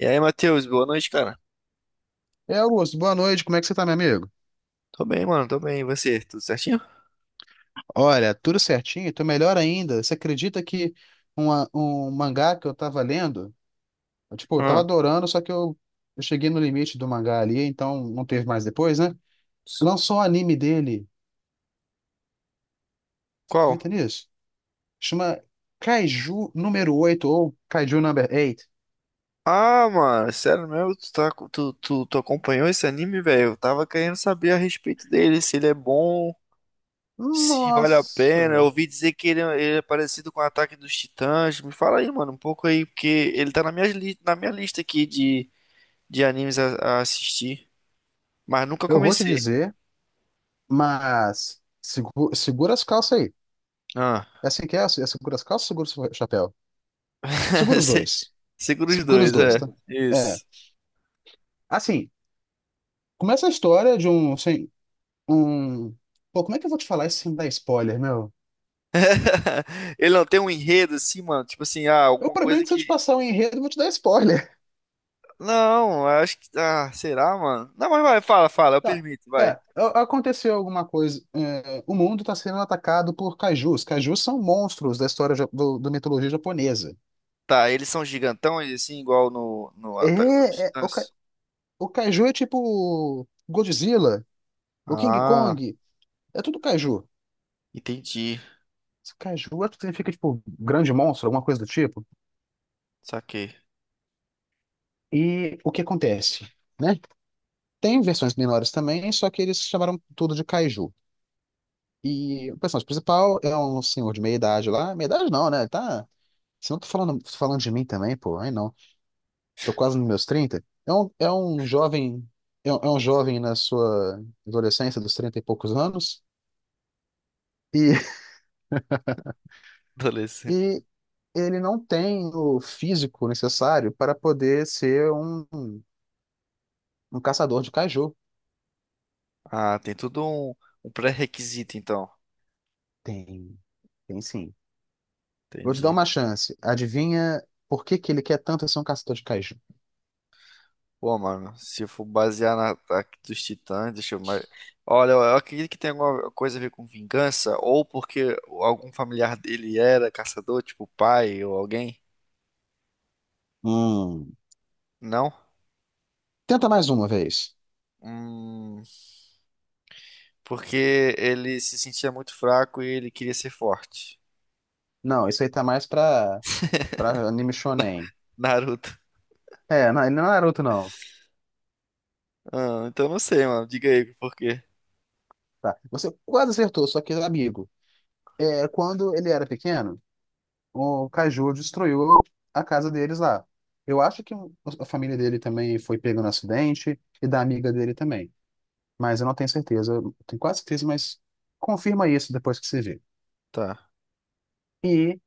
E aí, Matheus, boa noite, cara. E aí, Augusto, boa noite. Como é que você tá, meu amigo? Tô bem, mano, tô bem. E você? Tudo certinho? Olha, tudo certinho, tô melhor ainda. Você acredita que um mangá que eu tava lendo, eu, tipo, eu tava Ah, adorando. Eu cheguei no limite do mangá ali, então não teve mais depois, né? s- Lançou o anime dele. Você qual? acredita nisso? Chama Kaiju número oito ou Kaiju number 8. Ah, mano, sério mesmo? Tu, tá, co- tu, tu, tu acompanhou esse anime, velho? Eu tava querendo saber a respeito dele, se ele é bom, se vale a pena. Eu Nossa! ouvi dizer que ele é parecido com o Ataque dos Titãs. Me fala aí, mano, um pouco aí, porque ele tá na minha lista aqui de animes a assistir, mas nunca Eu vou te comecei. dizer, mas segura as calças aí. Ah, É assim que é? É segura as calças ou segura o chapéu? Segura os se- dois. segura os Segura os dois, dois, é. tá? É. Isso. Assim, começa a história de um, assim, um... Pô, como é que eu vou te falar isso sem dar spoiler, meu? Ele não tem um enredo assim, mano. Tipo assim, O alguma problema é coisa que se eu te que. passar o enredo, eu vou te dar spoiler. Não, eu acho que. Ah, será, mano? Não, mas vai, fala, fala, eu Tá. permito, É, vai. Aconteceu alguma coisa. É, o mundo está sendo atacado por kaijus. Kaijus são monstros da história da mitologia japonesa. Tá, eles são gigantões, assim, igual no Ataque dos É, é, o, kai- Titãs? o kaiju é tipo Godzilla, o King Ah, Kong, é tudo kaiju. entendi. Kaiju acho que significa tipo grande monstro, alguma coisa do tipo. Saquei. E o que acontece? Né? Tem versões menores também, só que eles chamaram tudo de Kaiju. E o personagem principal é um senhor de meia idade lá. Meia idade não, né? Ele tá. Se não tô falando, tô falando de mim também, pô. Aí não. Tô quase nos meus trinta. É um jovem. É um jovem na sua adolescência, dos 30 e poucos anos. E, Adolescente. e ele não tem o físico necessário para poder ser um caçador de Kaiju. Ah, tem tudo um pré-requisito, então. Tem. Tem sim. Vou te dar Entendi. uma chance. Adivinha por que que ele quer tanto ser um caçador de Kaiju? Pô, mano, se eu for basear na Ataque dos Titãs, deixa eu mais. Olha, eu acredito que tem alguma coisa a ver com vingança, ou porque algum familiar dele era caçador, tipo o pai ou alguém. Hum. Não? Tenta mais uma vez. Hum, porque ele se sentia muito fraco e ele queria ser forte. Não, isso aí tá mais pra anime shonen. Naruto. É, não, ele não é Naruto, não. Ah, então não sei, mano. Diga aí por quê. Tá. Você quase acertou, só que é amigo. É, quando ele era pequeno, o Kaiju destruiu a casa deles lá. Eu acho que a família dele também foi pega no acidente e da amiga dele também. Mas eu não tenho certeza. Eu tenho quase certeza, mas confirma isso depois que você vê. Tá. E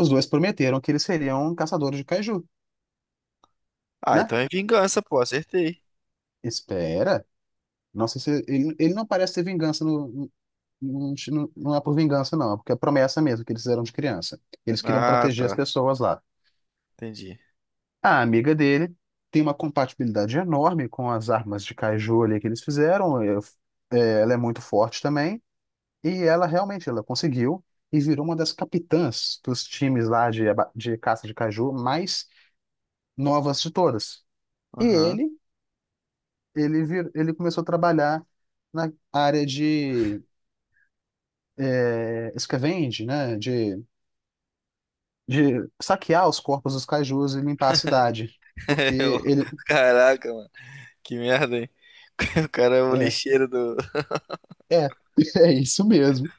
os dois prometeram que eles seriam caçadores de Kaiju, Ah, né? então é vingança, pô, acertei. Espera. Nossa, ele não parece ter vingança não é por vingança, não, é porque é promessa mesmo que eles fizeram de criança. Eles queriam Ah, proteger as tá. pessoas lá. Entendi. A amiga dele tem uma compatibilidade enorme com as armas de caju ali que eles fizeram. Ela é muito forte também. E ela realmente ela conseguiu e virou uma das capitãs dos times lá de caça de caju mais novas de todas. E Aham. Ele começou a trabalhar na área de escavenge, né, de saquear os corpos dos cajus e limpar a cidade, porque Eu- ele Caraca, mano. Que merda, hein? O cara é o é, lixeiro do. é, é isso mesmo.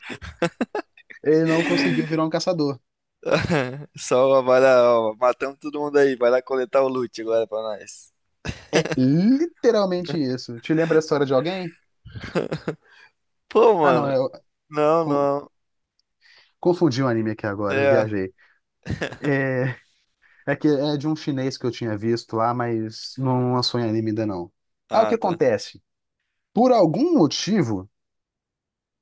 Ele não conseguiu virar um caçador. Só vai lá, ó, matamos todo mundo aí, vai lá coletar o loot agora pra nós. É literalmente isso. Te lembra a história de alguém? Pô, Ah, não, mano, eu não, co- não. confundi um anime aqui agora, É. viajei. É, é que é de um chinês que eu tinha visto lá, mas não lançou em anime ainda não. Ah, o que Ah, tá. acontece? Por algum motivo,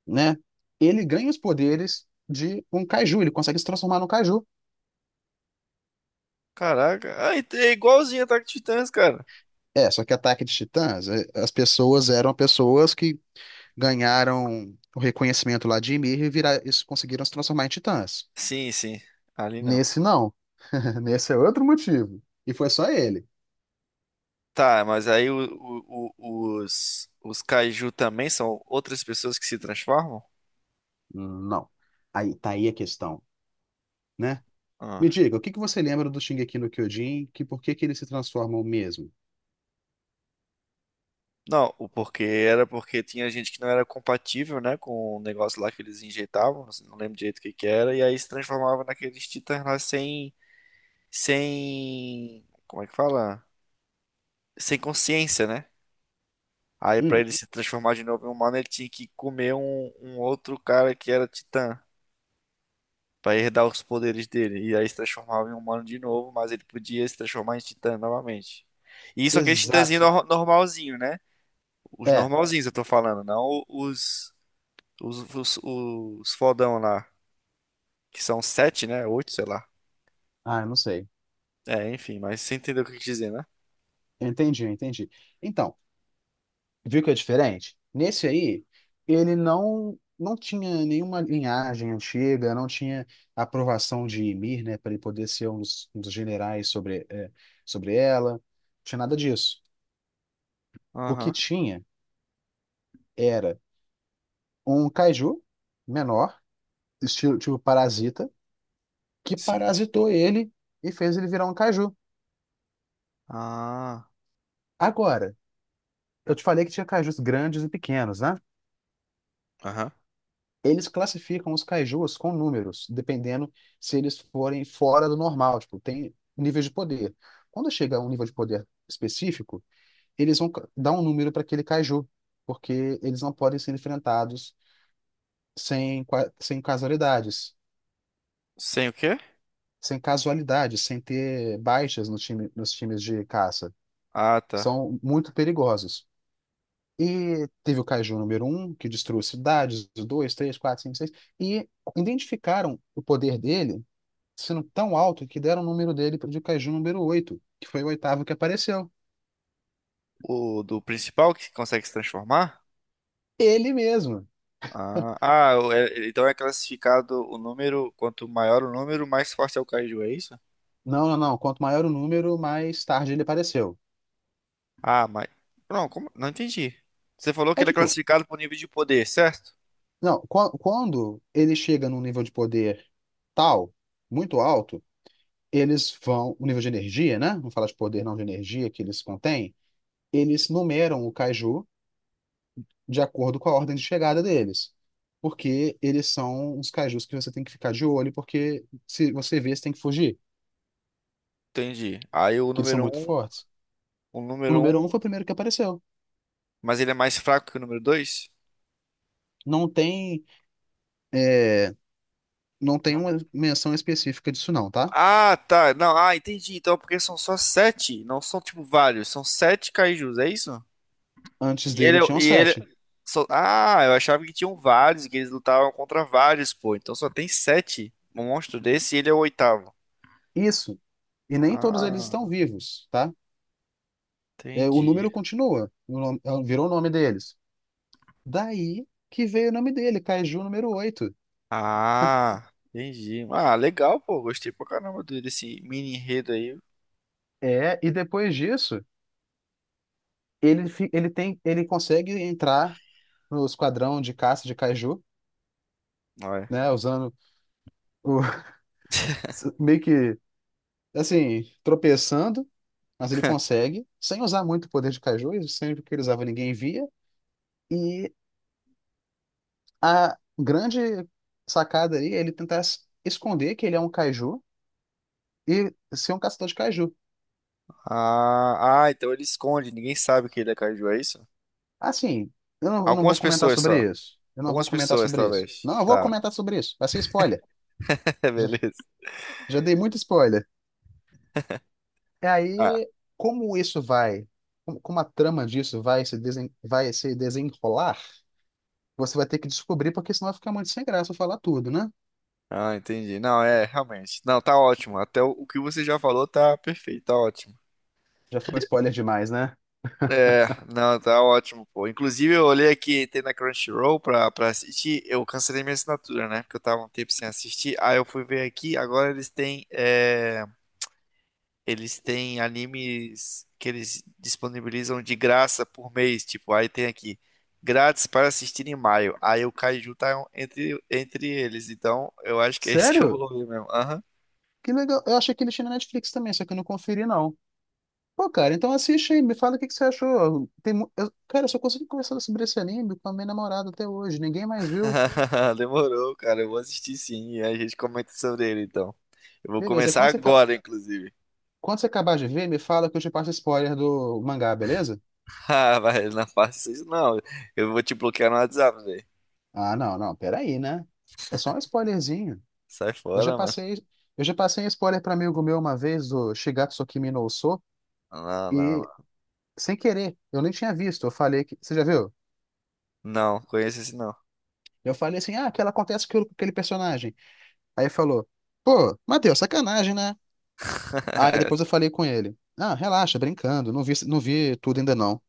né, ele ganha os poderes de um caju, ele consegue se transformar num caju. Caraca, é igualzinho Ataque de Titãs, cara. É, só que Ataque de Titãs, as pessoas eram pessoas que ganharam o reconhecimento lá de Ymir e isso conseguiram se transformar em titãs. Sim, sim, ali não. Nesse não. Nesse é outro motivo. E foi só ele. Tá, mas aí os Kaiju também são outras pessoas que se transformam? Não. Aí tá aí a questão, né? Me Ah. diga, o que que você lembra do Shingeki no Kyojin? Que por que que eles se transformam mesmo? Não, o porquê era porque tinha gente que não era compatível, né, com o negócio lá que eles injetavam, não lembro direito o que que era, e aí se transformava naqueles titãs lá sem, como é que fala? Sem consciência, né? Aí pra Hum, ele se transformar de novo em humano, ele tinha que comer um outro cara que era titã, pra herdar os poderes dele, e aí se transformava em humano de novo, mas ele podia se transformar em titã novamente. E isso aqueles titãzinho exato. Normalzinho, né? Os É. normalzinhos eu tô falando, não os os fodão lá, que são sete, né? Oito, sei lá. Ah, eu não sei. É, enfim, mas você entendeu o que eu quis dizer, né? Eu entendi, eu entendi. Então, viu que é diferente? Nesse aí, ele não tinha nenhuma linhagem antiga, não tinha aprovação de Ymir, né, para ele poder ser um dos generais sobre, é, sobre ela. Não tinha nada disso. O que Aham, tinha era um kaiju menor, estilo tipo parasita, que sim. parasitou ele e fez ele virar um kaiju. Ah, Agora, eu te falei que tinha kaijus grandes e pequenos, né? aham. Eles classificam os kaijus com números, dependendo se eles forem fora do normal, tipo, tem níveis de poder. Quando chega a um nível de poder específico, eles dar um número para aquele kaiju, porque eles não podem ser enfrentados sem casualidades, Sem o quê? sem casualidades, sem ter baixas no time, nos times de caça. Ah, tá. São muito perigosos. E teve o kaiju número um, que destruiu cidades, dois, três, quatro, cinco, seis, e identificaram o poder dele sendo tão alto que deram o número dele para o de Kaiju número oito, que foi o oitavo que apareceu. O do principal que consegue se transformar? Ele mesmo. Ah, então é classificado o número, quanto maior o número, mais forte é o Kaiju, é isso? Não. Quanto maior o número, mais tarde ele apareceu. Ah, mas. Não, como? Não entendi. Você falou que É ele é tipo, classificado por nível de poder, certo? não, qua- quando ele chega num nível de poder tal, muito alto, eles vão, o nível de energia, né? Não fala de poder, não de energia que eles contêm. Eles numeram o Kaiju de acordo com a ordem de chegada deles. Porque eles são uns kaijus que você tem que ficar de olho, porque se você vê, você tem que fugir, Entendi. Aí o porque eles são número muito um, fortes. o O número um, número um foi o primeiro que apareceu. mas ele é mais fraco que o número dois. Não tem, é, não tem uma menção específica disso, não, tá? Ah, tá. Não, entendi. Então, é porque são só sete, não são tipo vários, são sete kaijus, é isso? Antes E ele, dele tinham e ele, sete. Eu achava que tinham vários, que eles lutavam contra vários, pô. Então só tem sete monstros desse e ele é o oitavo. Isso. E nem todos eles estão Ah, vivos, tá? É, o entendi. número continua. É, virou o nome deles. Daí que veio o nome dele, Kaiju número oito. Ah, entendi. Ah, legal, pô. Gostei pra caramba desse mini enredo aí. É, e depois disso, ele, fi- ele tem, ele consegue entrar no esquadrão de caça de Kaiju, Ué. né? Usando o, meio que assim, tropeçando, mas ele consegue, sem usar muito o poder de Kaiju, sempre que ele usava ninguém via. E a grande sacada aí é ele tentar esconder que ele é um Kaiju e ser um caçador de Kaiju. Ah, então ele esconde, ninguém sabe que ele é kaiju, é isso? Assim, eu não vou Algumas comentar pessoas só. sobre isso. Eu não vou Algumas comentar pessoas, sobre isso. talvez. Não, eu vou Tá, comentar sobre isso. Vai ser spoiler. Já, beleza. já dei muito spoiler. E Ah, aí, como isso vai, como a trama disso vai se, desen, vai se desenrolar, você vai ter que descobrir, porque senão vai ficar muito sem graça eu falar tudo, né? Entendi. Não, é, realmente. Não, tá ótimo. Até o que você já falou tá perfeito, tá ótimo. Já foi spoiler demais, né? É, não, tá ótimo, pô. Inclusive, eu olhei aqui, tem na Crunchyroll pra assistir. Eu cancelei minha assinatura, né? Porque eu tava um tempo sem assistir. Aí eu fui ver aqui, agora eles têm animes que eles disponibilizam de graça por mês. Tipo, aí tem aqui, grátis para assistir em maio. Aí o Kaiju tá entre eles. Então, eu acho que é isso que eu Sério? vou ver mesmo. Aham. Que legal. Eu achei que ele tinha na Netflix também, só que eu não conferi, não. Pô, cara, então assiste aí, me fala o que que você achou. Tem, cara, eu só consegui conversar sobre esse anime com a minha namorada até hoje, ninguém mais viu. Demorou, cara. Eu vou assistir sim e a gente comenta sobre ele então. Eu vou Beleza, começar agora, inclusive. quando você acabar de ver, me fala que eu te passo spoiler do mangá, beleza? Ah, vai, não faça isso não. Eu vou te bloquear no WhatsApp, velho. Ah, não, não, peraí, né? É só um spoilerzinho. Sai Eu já fora, mano. passei, eu já passei um spoiler para amigo meu uma vez do Shigatsu Kimi no Uso Não, não, não. e sem querer, eu nem tinha visto, eu falei que, você já viu? Não, conheço esse não. Eu falei assim, ah, que ela acontece com aquele personagem. Aí falou, pô, Matheus, sacanagem, né? Aí depois eu falei com ele, ah, relaxa, brincando, não vi, não vi tudo ainda não.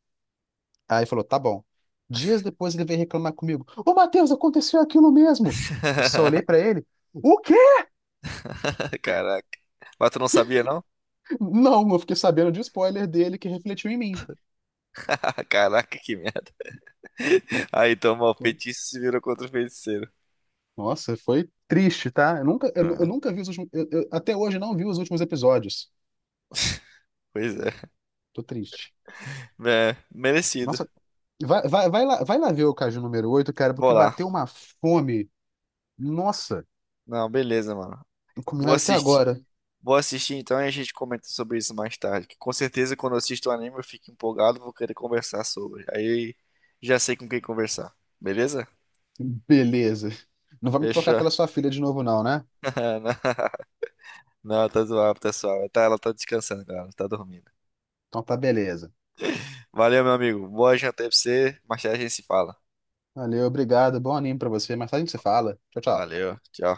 Aí falou, tá bom. Dias depois ele veio reclamar comigo, ô Matheus, aconteceu aquilo mesmo. Eu só olhei pra ele, o quê? Caraca. Mas tu não sabia, não? Não, eu fiquei sabendo de spoiler dele que refletiu em mim. Caraca, que merda. Aí, então, mal, feitiço se virou contra o feiticeiro. Nossa, foi triste, tá? Eu Ah, nunca vi os últimos, eu até hoje não vi os últimos episódios. pois é. Tô triste. É, merecido. Nossa, vai lá ver o Caju número oito, cara, Vou porque lá. bateu uma fome. Nossa. Não, beleza, mano. Vou Combinado até assistir. agora. Vou assistir então e a gente comenta sobre isso mais tarde. Que com certeza quando eu assisto o anime eu fico empolgado, vou querer conversar sobre. Aí já sei com quem conversar. Beleza? Beleza. Não vai me trocar Fechou. pela sua filha de novo, não, né? Não, tá zoado, pessoal. Tá, ela tá descansando, galera. Tá dormindo. Então tá, beleza. Valeu, meu amigo. Boa janta aí pra você. Mais tarde a gente se fala. Valeu, obrigado. Bom anime pra você. Mais tarde a gente se fala. Tchau, tchau. Valeu. Tchau.